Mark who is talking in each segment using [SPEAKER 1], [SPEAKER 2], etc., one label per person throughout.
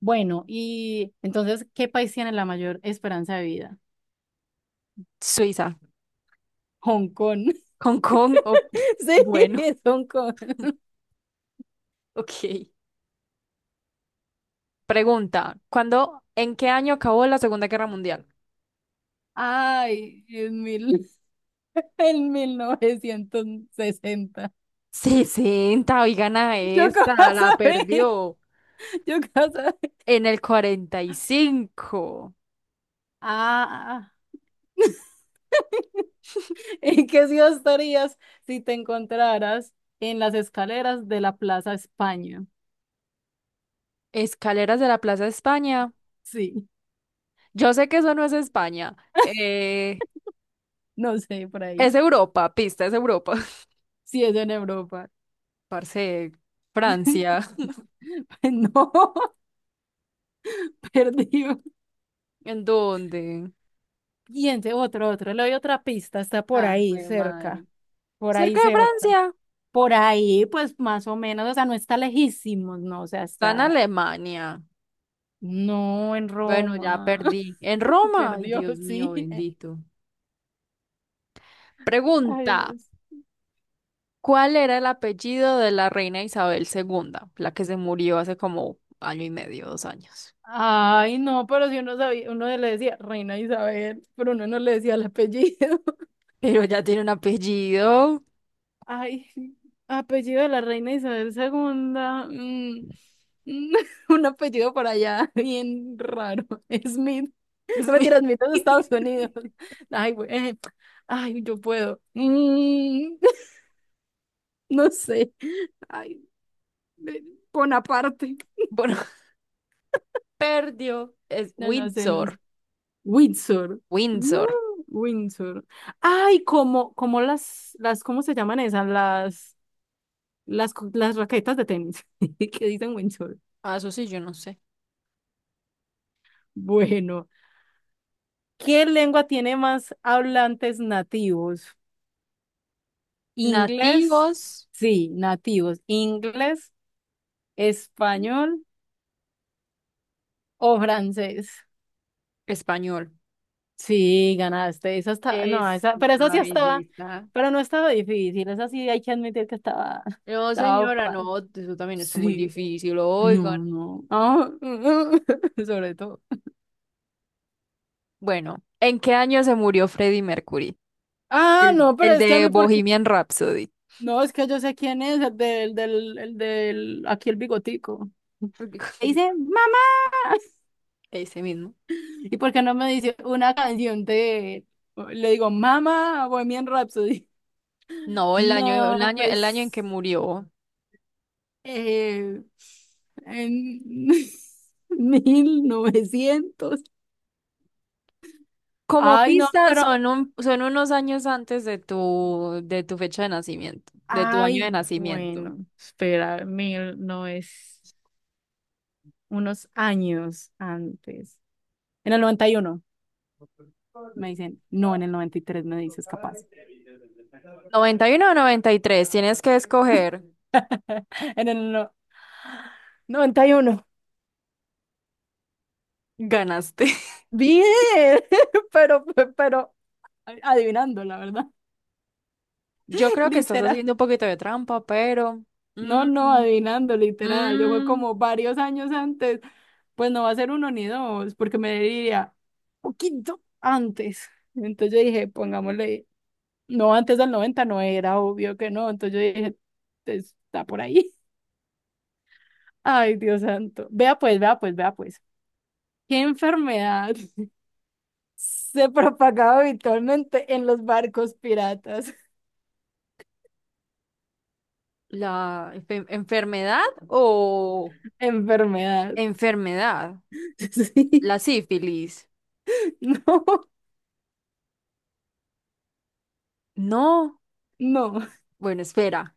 [SPEAKER 1] Bueno, y entonces, ¿qué país tiene la mayor esperanza de vida?
[SPEAKER 2] Suiza,
[SPEAKER 1] Hong Kong.
[SPEAKER 2] Hong Kong.
[SPEAKER 1] Sí,
[SPEAKER 2] Bueno,
[SPEAKER 1] es Hong Kong.
[SPEAKER 2] ok. Pregunta, ¿ en qué año acabó la Segunda Guerra Mundial?
[SPEAKER 1] Ay, en 1960.
[SPEAKER 2] 60. Hoy gana
[SPEAKER 1] Yo cómo
[SPEAKER 2] esta, la
[SPEAKER 1] sabía,
[SPEAKER 2] perdió.
[SPEAKER 1] yo cómo sabía.
[SPEAKER 2] En el 45.
[SPEAKER 1] Ah, ¿en qué ciudad estarías si te encontraras en las escaleras de la Plaza España?
[SPEAKER 2] Escaleras de la Plaza de España.
[SPEAKER 1] Sí,
[SPEAKER 2] Yo sé que eso no es España, eh,
[SPEAKER 1] no sé, por
[SPEAKER 2] es
[SPEAKER 1] ahí.
[SPEAKER 2] Europa, pista, es Europa.
[SPEAKER 1] Si es en Europa.
[SPEAKER 2] Parce, Francia,
[SPEAKER 1] No, perdí.
[SPEAKER 2] ¿En dónde?
[SPEAKER 1] Piense, otro, otro. Le doy otra pista. Está por
[SPEAKER 2] Ay,
[SPEAKER 1] ahí,
[SPEAKER 2] jue madre.
[SPEAKER 1] cerca. Por ahí,
[SPEAKER 2] Cerca de
[SPEAKER 1] cerca.
[SPEAKER 2] Francia,
[SPEAKER 1] Por ahí, pues más o menos. O sea, no está lejísimos, no. O sea,
[SPEAKER 2] está en
[SPEAKER 1] está.
[SPEAKER 2] Alemania.
[SPEAKER 1] No, en
[SPEAKER 2] Bueno, ya
[SPEAKER 1] Roma.
[SPEAKER 2] perdí. En Roma, ay
[SPEAKER 1] Perdió,
[SPEAKER 2] Dios mío,
[SPEAKER 1] sí.
[SPEAKER 2] bendito.
[SPEAKER 1] Ay,
[SPEAKER 2] Pregunta,
[SPEAKER 1] Dios.
[SPEAKER 2] ¿cuál era el apellido de la reina Isabel II, la que se murió hace como año y medio, dos años?
[SPEAKER 1] Ay, no, pero si uno sabía, uno le decía Reina Isabel, pero uno no le decía el apellido.
[SPEAKER 2] Pero ya tiene un apellido.
[SPEAKER 1] Ay, apellido de la reina Isabel segunda, mm, un apellido por allá, bien raro. Smith. No me tiras Smith es de Estados Unidos. Ay, güey. Ay, yo puedo. No sé. Ay, de- Bonaparte.
[SPEAKER 2] Bueno, perdió. Es
[SPEAKER 1] No, no sé, no sé.
[SPEAKER 2] Windsor.
[SPEAKER 1] Windsor. No,
[SPEAKER 2] Windsor.
[SPEAKER 1] Windsor. Ay, como las, ¿cómo se llaman esas? Las raquetas de tenis que dicen Windsor.
[SPEAKER 2] Ah, eso sí, yo no sé.
[SPEAKER 1] Bueno. ¿Qué lengua tiene más hablantes nativos? ¿Inglés?
[SPEAKER 2] Nativos
[SPEAKER 1] Sí, nativos. ¿Inglés, español o francés?
[SPEAKER 2] español.
[SPEAKER 1] Sí, ganaste. Esa está, no,
[SPEAKER 2] Es
[SPEAKER 1] esa, pero esa
[SPEAKER 2] una
[SPEAKER 1] sí estaba,
[SPEAKER 2] belleza.
[SPEAKER 1] pero no estaba difícil. Esa sí hay que admitir que estaba,
[SPEAKER 2] No,
[SPEAKER 1] estaba
[SPEAKER 2] señora, no,
[SPEAKER 1] fácil.
[SPEAKER 2] eso también está muy
[SPEAKER 1] Sí,
[SPEAKER 2] difícil.
[SPEAKER 1] no,
[SPEAKER 2] Oigan,
[SPEAKER 1] no. Ah, sobre todo.
[SPEAKER 2] bueno, ¿en qué año se murió Freddie Mercury?
[SPEAKER 1] Ah,
[SPEAKER 2] El,
[SPEAKER 1] no, pero
[SPEAKER 2] el
[SPEAKER 1] es que a
[SPEAKER 2] de
[SPEAKER 1] mí porque,
[SPEAKER 2] Bohemian Rhapsody.
[SPEAKER 1] no, es que yo sé quién es, el del, del, el del, aquí el bigotico. Dice, mamá.
[SPEAKER 2] Ese mismo.
[SPEAKER 1] ¿Y por qué no me dice una canción de, le digo, Mamá, Bohemian Rhapsody?
[SPEAKER 2] No, el año, el
[SPEAKER 1] No,
[SPEAKER 2] año, el año en que
[SPEAKER 1] pues,
[SPEAKER 2] murió.
[SPEAKER 1] eh, en mil novecientos.
[SPEAKER 2] Como
[SPEAKER 1] Ay, no,
[SPEAKER 2] pista,
[SPEAKER 1] pero,
[SPEAKER 2] son unos años antes de tu fecha de nacimiento, de tu año
[SPEAKER 1] ay,
[SPEAKER 2] de nacimiento.
[SPEAKER 1] bueno, espera, mil no es unos años antes. En el 91 me dicen, no, en el 93 me dices capaz.
[SPEAKER 2] 91 o 93. Tienes que escoger.
[SPEAKER 1] En el 91.
[SPEAKER 2] Ganaste.
[SPEAKER 1] Bien, pero, pero adivinando, la verdad.
[SPEAKER 2] Yo creo que estás
[SPEAKER 1] Literal.
[SPEAKER 2] haciendo un poquito de trampa, pero...
[SPEAKER 1] No,
[SPEAKER 2] mm,
[SPEAKER 1] no, adivinando, literal. Yo fue
[SPEAKER 2] mm,
[SPEAKER 1] como varios años antes. Pues no va a ser uno ni dos, porque me diría poquito antes. Entonces yo dije, pongámosle, no, antes del 90 no era, obvio que no. Entonces yo dije, "Pues, está por ahí. Ay, Dios santo. Vea pues, vea pues, vea pues. ¿Qué enfermedad se propagaba habitualmente en los barcos piratas?
[SPEAKER 2] ¿La enfermedad o
[SPEAKER 1] Enfermedad.
[SPEAKER 2] enfermedad?
[SPEAKER 1] Sí.
[SPEAKER 2] La sífilis.
[SPEAKER 1] No,
[SPEAKER 2] No.
[SPEAKER 1] no.
[SPEAKER 2] Bueno, espera.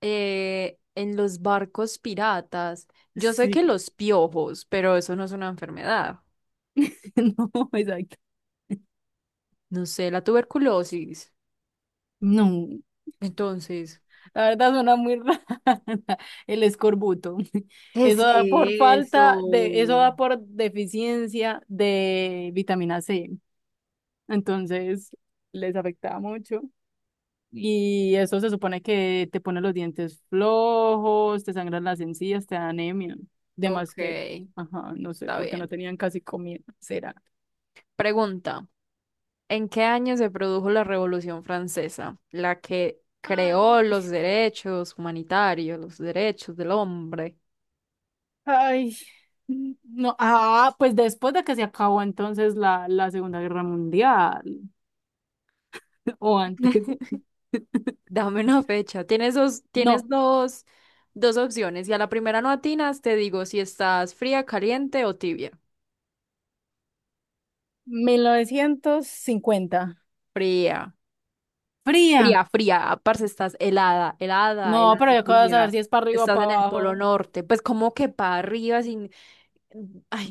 [SPEAKER 2] En los barcos piratas. Yo sé
[SPEAKER 1] Sí,
[SPEAKER 2] que los piojos, pero eso no es una enfermedad.
[SPEAKER 1] no, exacto.
[SPEAKER 2] No sé, la tuberculosis.
[SPEAKER 1] No,
[SPEAKER 2] Entonces,
[SPEAKER 1] la verdad suena muy rara. El escorbuto.
[SPEAKER 2] ¿qué
[SPEAKER 1] Eso da por
[SPEAKER 2] es eso?
[SPEAKER 1] falta de, eso da por deficiencia de vitamina C. Entonces, les afectaba mucho. Y eso se supone que te pone los dientes flojos, te sangran las encías, te da anemia.
[SPEAKER 2] Ok,
[SPEAKER 1] Además que, ajá, no sé,
[SPEAKER 2] está
[SPEAKER 1] porque no
[SPEAKER 2] bien.
[SPEAKER 1] tenían casi comida. ¿Será?
[SPEAKER 2] Pregunta. ¿En qué año se produjo la Revolución Francesa, la que creó
[SPEAKER 1] Ay.
[SPEAKER 2] los derechos humanitarios, los derechos del hombre?
[SPEAKER 1] Ay, no, ah, pues después de que se acabó entonces la Segunda Guerra Mundial, o antes,
[SPEAKER 2] Dame una fecha. Tienes dos,
[SPEAKER 1] no,
[SPEAKER 2] tienes dos, dos opciones. Y a la primera no atinas, te digo si estás fría, caliente o tibia.
[SPEAKER 1] 1950,
[SPEAKER 2] Fría,
[SPEAKER 1] fría,
[SPEAKER 2] fría, fría. Parce, estás helada, helada,
[SPEAKER 1] no,
[SPEAKER 2] helada,
[SPEAKER 1] pero yo acabo de saber
[SPEAKER 2] fría.
[SPEAKER 1] si es para arriba o
[SPEAKER 2] Estás
[SPEAKER 1] para
[SPEAKER 2] en el Polo
[SPEAKER 1] abajo,
[SPEAKER 2] Norte. Pues como que para arriba sin.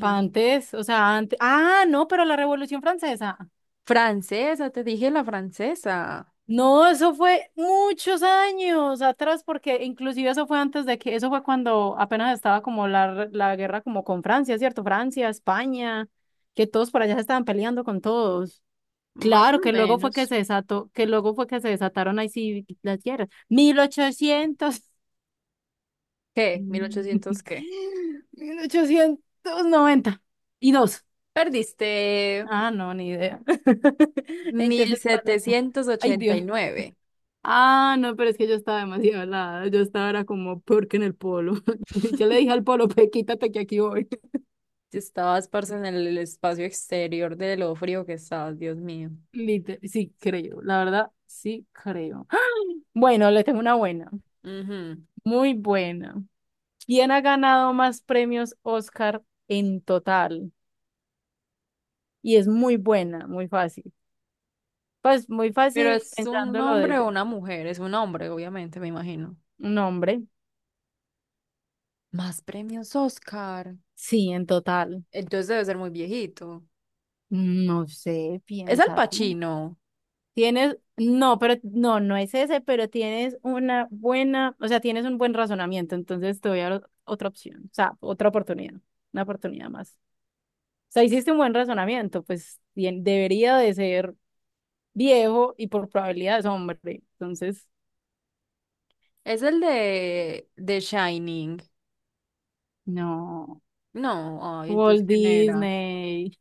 [SPEAKER 1] para antes, o sea, antes, ah, no, pero la Revolución Francesa,
[SPEAKER 2] francesa, te dije la francesa.
[SPEAKER 1] no, eso fue muchos años atrás, porque inclusive eso fue antes de que, eso fue cuando apenas estaba como la guerra como con Francia, ¿cierto? Francia, España, que todos por allá se estaban peleando con todos.
[SPEAKER 2] Más
[SPEAKER 1] Claro,
[SPEAKER 2] o
[SPEAKER 1] que luego fue que
[SPEAKER 2] menos.
[SPEAKER 1] se desató, que luego fue que se desataron ahí sí las guerras. Mil ochocientos
[SPEAKER 2] ¿Qué? ¿Mil ochocientos
[SPEAKER 1] mil
[SPEAKER 2] qué?
[SPEAKER 1] ochocientos noventa y dos.
[SPEAKER 2] Perdiste
[SPEAKER 1] Ah, no, ni idea. Entonces, ¿cuál era? Ay, Dios.
[SPEAKER 2] 1789.
[SPEAKER 1] Ah, no, pero es que yo estaba demasiado helada. Yo estaba era como peor que en el polo. Yo le dije al polo, pues quítate que aquí voy.
[SPEAKER 2] Si estabas, parce, en el espacio exterior de lo frío que estabas, Dios mío.
[SPEAKER 1] Sí, creo. La verdad, sí creo. Bueno, le tengo una buena.
[SPEAKER 2] Ujú.
[SPEAKER 1] Muy buena. ¿Quién ha ganado más premios Oscar en total? Y es muy buena, muy fácil. Pues muy
[SPEAKER 2] Pero
[SPEAKER 1] fácil
[SPEAKER 2] es un
[SPEAKER 1] pensándolo
[SPEAKER 2] hombre o
[SPEAKER 1] desde
[SPEAKER 2] una mujer, es un hombre, obviamente, me imagino.
[SPEAKER 1] un hombre.
[SPEAKER 2] Más premios Oscar.
[SPEAKER 1] Sí, en total.
[SPEAKER 2] Entonces debe ser muy viejito.
[SPEAKER 1] No sé,
[SPEAKER 2] Es Al
[SPEAKER 1] piensa tú.
[SPEAKER 2] Pacino.
[SPEAKER 1] Tienes, no, pero no, no es ese, pero tienes una buena, o sea, tienes un buen razonamiento, entonces te voy a dar otra opción, o sea, otra oportunidad, una oportunidad más. O sea, hiciste un buen razonamiento, pues bien, debería de ser viejo y por probabilidad es hombre, entonces.
[SPEAKER 2] Es el de Shining.
[SPEAKER 1] No.
[SPEAKER 2] No, ay, entonces
[SPEAKER 1] Walt
[SPEAKER 2] ¿quién era?
[SPEAKER 1] Disney.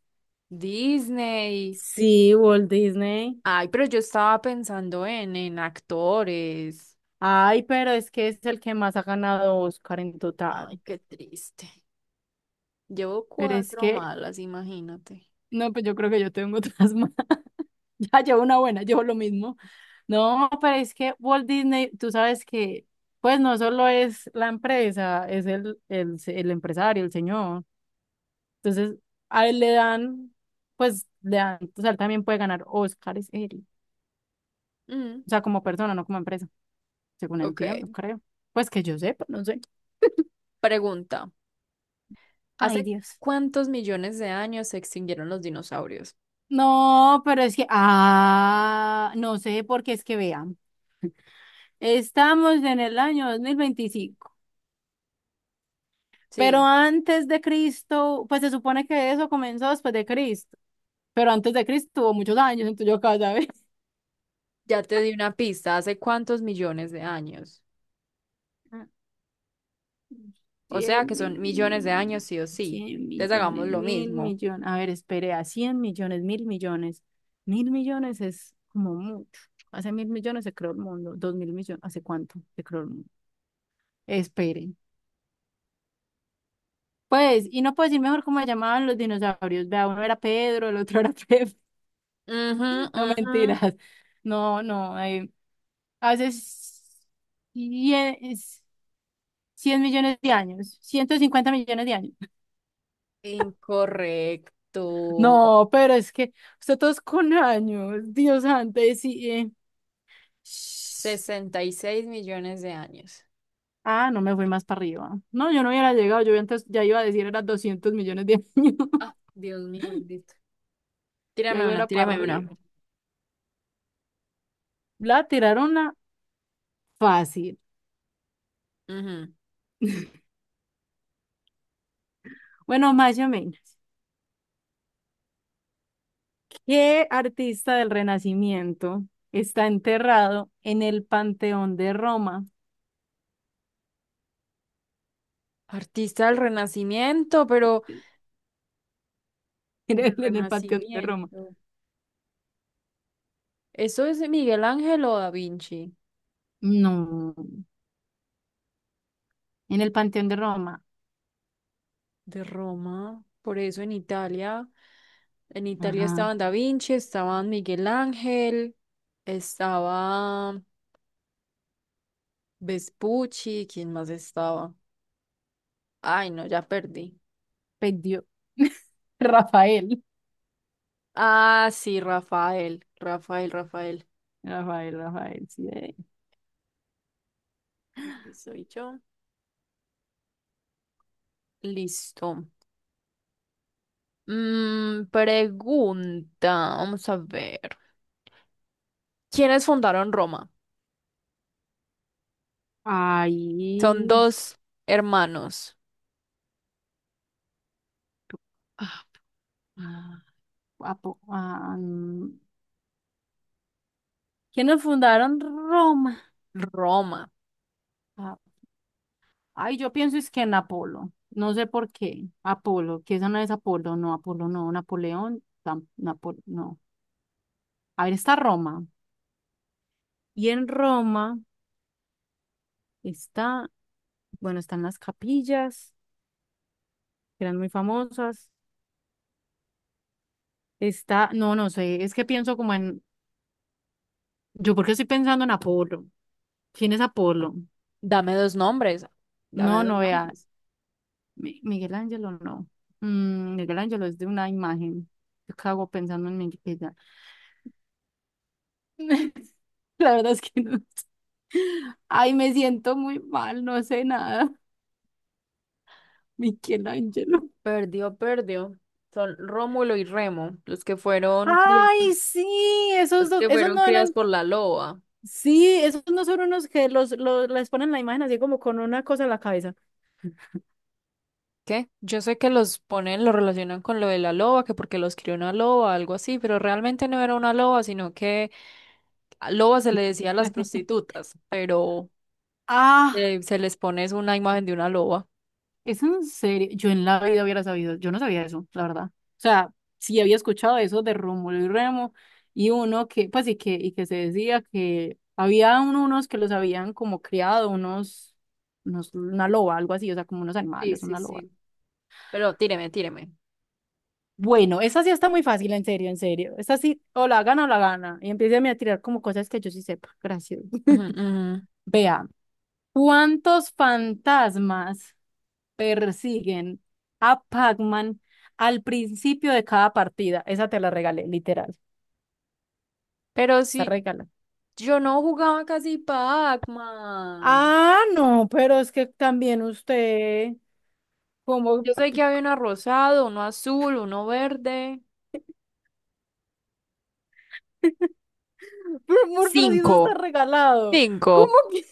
[SPEAKER 2] Disney.
[SPEAKER 1] Sí, Walt Disney.
[SPEAKER 2] Ay, pero yo estaba pensando en actores.
[SPEAKER 1] Ay, pero es que es el que más ha ganado Oscar en total.
[SPEAKER 2] Ay, qué triste. Llevo
[SPEAKER 1] Pero es
[SPEAKER 2] cuatro
[SPEAKER 1] que,
[SPEAKER 2] malas, imagínate.
[SPEAKER 1] no, pues yo creo que yo tengo otras más. Ya llevo una buena, llevo lo mismo. No, pero es que Walt Disney, tú sabes que, pues no solo es la empresa, es el empresario, el señor. Entonces, a él le dan, pues le dan, o sea, él también puede ganar Oscars, él.
[SPEAKER 2] Mm,
[SPEAKER 1] O sea, como persona, no como empresa, según
[SPEAKER 2] ok.
[SPEAKER 1] entiendo, creo. Pues que yo sepa, no sé.
[SPEAKER 2] Pregunta.
[SPEAKER 1] Ay,
[SPEAKER 2] ¿Hace
[SPEAKER 1] Dios.
[SPEAKER 2] cuántos millones de años se extinguieron los dinosaurios?
[SPEAKER 1] No, pero es que, ah, no sé, porque es que vean, estamos en el año 2025, pero
[SPEAKER 2] Sí,
[SPEAKER 1] antes de Cristo, pues se supone que eso comenzó después de Cristo, pero antes de Cristo hubo muchos años, entonces yo acá, ¿sabes?
[SPEAKER 2] ya te di una pista. ¿Hace cuántos millones de años? O sea que
[SPEAKER 1] 100
[SPEAKER 2] son millones de años sí o sí.
[SPEAKER 1] 100
[SPEAKER 2] Entonces hagamos
[SPEAKER 1] millones,
[SPEAKER 2] lo
[SPEAKER 1] mil
[SPEAKER 2] mismo.
[SPEAKER 1] millones, a ver, espere, a 100 millones, mil millones, mil millones es como mucho, hace mil millones se creó el mundo, dos mil millones, ¿hace cuánto se creó el mundo? Espere. Pues, y no puedo decir mejor cómo se llamaban los dinosaurios. Vea, uno era Pedro, el otro era Pep.
[SPEAKER 2] Ujú,
[SPEAKER 1] No
[SPEAKER 2] ujú.
[SPEAKER 1] mentiras. No, no. Hace 100 100 millones de años. 150 millones de años.
[SPEAKER 2] Incorrecto.
[SPEAKER 1] No, pero es que usted todos con años. Dios antes y sí, shh.
[SPEAKER 2] 66 millones de años.
[SPEAKER 1] Ah, no me fui más para arriba. No, yo no hubiera llegado. Yo antes ya iba a decir era 200 millones de años.
[SPEAKER 2] Ah, Dios mío, bendito.
[SPEAKER 1] Ya
[SPEAKER 2] Tírame
[SPEAKER 1] iba
[SPEAKER 2] una,
[SPEAKER 1] era para
[SPEAKER 2] tírame una.
[SPEAKER 1] arriba. La tiraron una fácil.
[SPEAKER 2] Ujú.
[SPEAKER 1] Bueno, más o menos. ¿Qué artista del Renacimiento está enterrado en el Panteón de Roma?
[SPEAKER 2] Artista del Renacimiento, pero
[SPEAKER 1] En
[SPEAKER 2] del
[SPEAKER 1] el, en el Panteón de Roma.
[SPEAKER 2] Renacimiento. ¿Eso es Miguel Ángel o Da Vinci?
[SPEAKER 1] No, en el Panteón de Roma.
[SPEAKER 2] De Roma. Por eso en Italia
[SPEAKER 1] Ajá,
[SPEAKER 2] estaban Da Vinci, estaban Miguel Ángel, estaba Vespucci, ¿quién más estaba? Ay, no, ya perdí.
[SPEAKER 1] perdió. Rafael.
[SPEAKER 2] Ah, sí, Rafael, Rafael, Rafael.
[SPEAKER 1] Rafael, Rafael, sí.
[SPEAKER 2] Soy yo. Listo. Pregunta, vamos a ver. ¿Quiénes fundaron Roma? Son
[SPEAKER 1] Ahí.
[SPEAKER 2] dos hermanos.
[SPEAKER 1] Ah, ah, guapo. Ah, mm. ¿Quiénes fundaron Roma?
[SPEAKER 2] Roma.
[SPEAKER 1] Ah, Ay, yo pienso es que en Apolo. No sé por qué. Apolo, que esa no es Apolo no, Napoleón, no. A ver, está Roma. Y en Roma está, bueno, están las capillas, que eran muy famosas. Está, no, no sé, es que pienso como en, yo porque estoy pensando en Apolo. ¿Quién es Apolo?
[SPEAKER 2] Dame dos nombres. Dame
[SPEAKER 1] No,
[SPEAKER 2] dos
[SPEAKER 1] no vea,
[SPEAKER 2] nombres.
[SPEAKER 1] Miguel Ángelo no. Miguel Ángelo es de una imagen. Yo cago pensando en Miguel Ángelo. La verdad es que no sé. Ay, me siento muy mal, no sé nada. Miguel Ángelo.
[SPEAKER 2] Perdió, perdió. Son Rómulo y Remo, los que fueron
[SPEAKER 1] Ay,
[SPEAKER 2] criados,
[SPEAKER 1] sí, esos
[SPEAKER 2] los
[SPEAKER 1] dos,
[SPEAKER 2] que
[SPEAKER 1] esos
[SPEAKER 2] fueron
[SPEAKER 1] no
[SPEAKER 2] criados
[SPEAKER 1] eran.
[SPEAKER 2] por la loba.
[SPEAKER 1] Sí, esos no son unos que los les ponen la imagen así como con una cosa en la cabeza.
[SPEAKER 2] ¿Qué? Yo sé que los ponen, los relacionan con lo de la loba, que porque los crió una loba, algo así, pero realmente no era una loba, sino que a loba se le decía a las prostitutas, pero
[SPEAKER 1] Ah,
[SPEAKER 2] se les pones una imagen de una loba.
[SPEAKER 1] es en serio. Yo en la vida hubiera sabido. Yo no sabía eso, la verdad. O sea, sí había escuchado eso de Rómulo y Remo y uno que, pues, y que se decía que había unos que los habían como criado, unos, una loba, algo así, o sea, como unos
[SPEAKER 2] Sí,
[SPEAKER 1] animales,
[SPEAKER 2] sí,
[SPEAKER 1] una loba.
[SPEAKER 2] sí. Pero tíreme, tíreme.
[SPEAKER 1] Bueno, esa sí está muy fácil, en serio, en serio. Esta sí, o la gana o la gana. Y empieza a tirar como cosas que yo sí sepa. Gracias.
[SPEAKER 2] Ujú, ujú.
[SPEAKER 1] Vea. ¿Cuántos fantasmas persiguen a Pac-Man al principio de cada partida? Esa te la regalé, literal.
[SPEAKER 2] Pero
[SPEAKER 1] Está
[SPEAKER 2] si
[SPEAKER 1] regala.
[SPEAKER 2] yo no jugaba casi Pac-Man.
[SPEAKER 1] Ah, no, pero es que también usted, como,
[SPEAKER 2] Yo sé que
[SPEAKER 1] pero,
[SPEAKER 2] había uno rosado, uno azul, uno verde.
[SPEAKER 1] amor, pero si eso está
[SPEAKER 2] Cinco.
[SPEAKER 1] regalado,
[SPEAKER 2] Cinco.
[SPEAKER 1] ¿cómo que,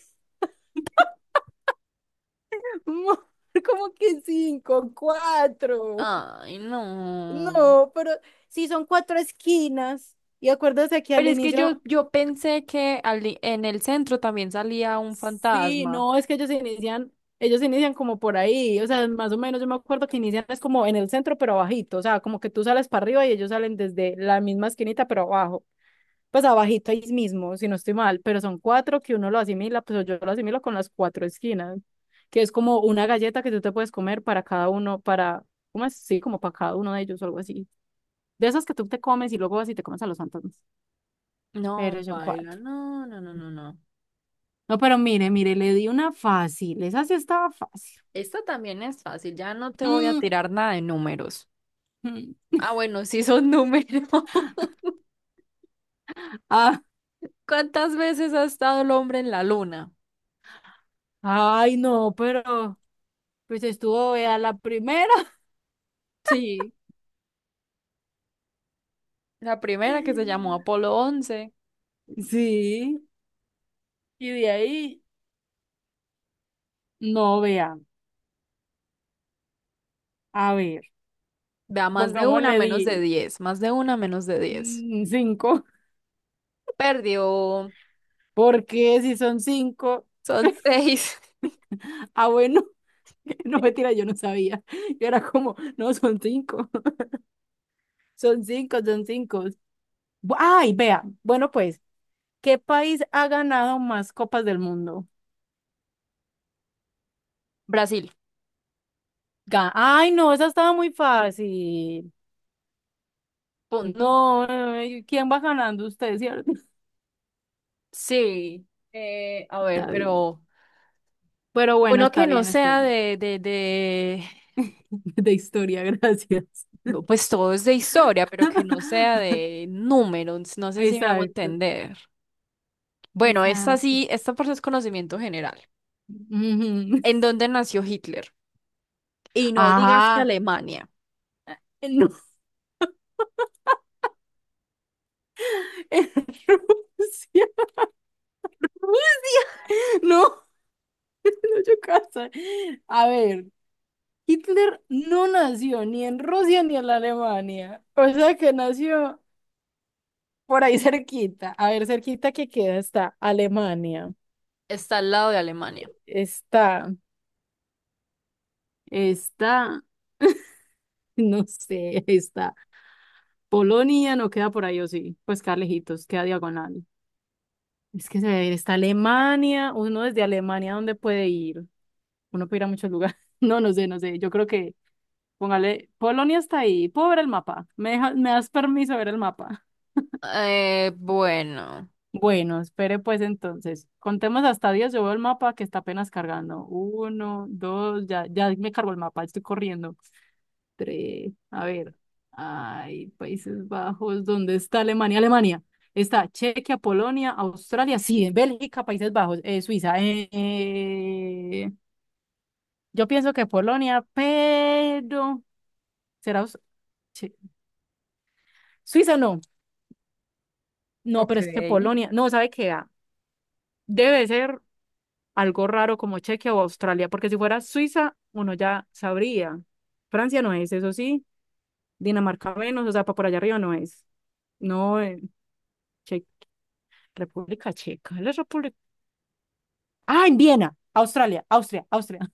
[SPEAKER 1] amor, cómo que cinco, cuatro?
[SPEAKER 2] Ay, no.
[SPEAKER 1] No, pero si son cuatro esquinas, y acuérdate que al
[SPEAKER 2] Pero es que
[SPEAKER 1] inicio.
[SPEAKER 2] yo pensé que en el centro también salía un
[SPEAKER 1] Sí,
[SPEAKER 2] fantasma.
[SPEAKER 1] no, es que ellos inician como por ahí, o sea, más o menos yo me acuerdo que inician es como en el centro, pero abajito, o sea, como que tú sales para arriba y ellos salen desde la misma esquinita, pero abajo, pues abajito ahí mismo, si no estoy mal, pero son cuatro que uno lo asimila, pues yo lo asimilo con las cuatro esquinas, que es como una galleta que tú te puedes comer para cada uno, para, ¿cómo es? Sí, como para cada uno de ellos o algo así. De esas que tú te comes y luego vas y te comes a los fantasmas,
[SPEAKER 2] No,
[SPEAKER 1] pero son
[SPEAKER 2] paila,
[SPEAKER 1] cuatro.
[SPEAKER 2] no, no, no, no, no.
[SPEAKER 1] No, pero mire, mire, le di una fácil, esa sí estaba fácil.
[SPEAKER 2] Esta también es fácil, ya no te voy a
[SPEAKER 1] Mm,
[SPEAKER 2] tirar nada de números.
[SPEAKER 1] mm.
[SPEAKER 2] Ah, bueno, sí son números.
[SPEAKER 1] Ah,
[SPEAKER 2] ¿Cuántas veces ha estado el hombre en la luna?
[SPEAKER 1] Ay, no, pero pues estuvo, vea, la primera.
[SPEAKER 2] Sí, la primera que se llamó Apolo 11.
[SPEAKER 1] sí. Y de ahí, no vea. A ver,
[SPEAKER 2] Vea, más de una,
[SPEAKER 1] pongámosle
[SPEAKER 2] menos de 10. Más de una, menos de 10.
[SPEAKER 1] cinco.
[SPEAKER 2] Perdió.
[SPEAKER 1] Porque si son cinco,
[SPEAKER 2] Son seis.
[SPEAKER 1] ah, bueno, no mentira, yo no sabía. Yo era como, no, son cinco, son cinco, son cinco. Ay, vea, bueno, pues, ¿qué país ha ganado más copas del mundo?
[SPEAKER 2] Brasil,
[SPEAKER 1] Ay, no, esa estaba muy fácil.
[SPEAKER 2] punto.
[SPEAKER 1] No, ¿quién va ganando usted, cierto?
[SPEAKER 2] Sí. eh, a ver,
[SPEAKER 1] Está bien.
[SPEAKER 2] pero
[SPEAKER 1] Pero bueno,
[SPEAKER 2] uno
[SPEAKER 1] está
[SPEAKER 2] que no
[SPEAKER 1] bien, está
[SPEAKER 2] sea
[SPEAKER 1] bien. De historia, gracias.
[SPEAKER 2] no, pues todo es de historia, pero que no sea de números. No sé si me hago
[SPEAKER 1] Exacto,
[SPEAKER 2] entender. Bueno, esta
[SPEAKER 1] exacto.
[SPEAKER 2] sí, esta por es conocimiento general.
[SPEAKER 1] Ujú.
[SPEAKER 2] ¿En dónde nació Hitler? Y no digas que
[SPEAKER 1] Ah,
[SPEAKER 2] Alemania.
[SPEAKER 1] no, en Rusia. No, no, yo casa. A ver, Hitler no nació ni en Rusia ni en la Alemania. O sea que nació por ahí cerquita. A ver, cerquita que queda está Alemania.
[SPEAKER 2] Está al lado de Alemania.
[SPEAKER 1] Está, está. No sé, ahí está. Polonia no queda por ahí, o sí. Pues queda lejitos, queda diagonal. Es que se debe ir. Está Alemania. Uno desde Alemania, ¿dónde puede ir? Uno puede ir a muchos lugares. No, no sé, no sé. Yo creo que, póngale, Polonia está ahí. Puedo ver el mapa. ¿Me das permiso de ver el mapa?
[SPEAKER 2] Bueno,
[SPEAKER 1] Bueno, espere pues entonces. Contemos hasta 10. Yo veo el mapa que está apenas cargando. Uno, dos, ya me cargó el mapa. Estoy corriendo. Entre, a ver, hay Países Bajos, ¿dónde está Alemania? Alemania. Está Chequia, Polonia, Australia, sí, Bélgica, Países Bajos, Suiza. Yo pienso que Polonia, pero será Che- Suiza no. No,
[SPEAKER 2] ok.
[SPEAKER 1] pero es que Polonia, no, ¿sabe qué? Ah, debe ser algo raro como Chequia o Australia, porque si fuera Suiza, uno ya sabría. Francia no es, eso sí. Dinamarca menos, o sea, para por allá arriba no es. No, Che República Checa, la República. Ah, en Viena, Australia, Austria, Austria.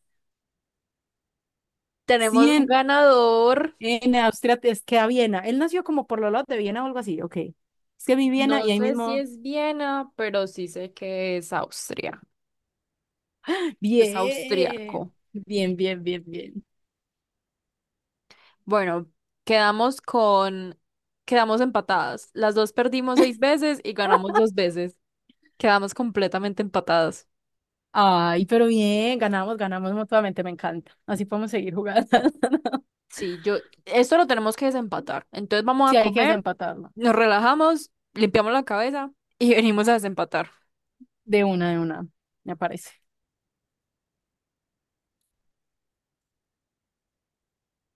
[SPEAKER 1] Sí,
[SPEAKER 2] Tenemos un
[SPEAKER 1] en,
[SPEAKER 2] ganador.
[SPEAKER 1] en Austria es que a Viena. Él nació como por los lados de Viena o algo así, ok. Es que vi Viena
[SPEAKER 2] No
[SPEAKER 1] y ahí
[SPEAKER 2] sé si
[SPEAKER 1] mismo.
[SPEAKER 2] es Viena, pero sí sé que es Austria. Es
[SPEAKER 1] Bien,
[SPEAKER 2] austriaco.
[SPEAKER 1] bien, bien, bien, bien.
[SPEAKER 2] Bueno, quedamos con... Quedamos empatadas. Las dos perdimos seis veces y ganamos dos veces. Quedamos completamente empatadas.
[SPEAKER 1] Ay, pero bien, ganamos, ganamos mutuamente, me encanta. Así podemos seguir jugando.
[SPEAKER 2] Sí, esto lo tenemos que desempatar. Entonces vamos a
[SPEAKER 1] Sí, hay que
[SPEAKER 2] comer,
[SPEAKER 1] desempatarlo.
[SPEAKER 2] nos relajamos, limpiamos la cabeza y venimos a desempatar.
[SPEAKER 1] De una, me parece.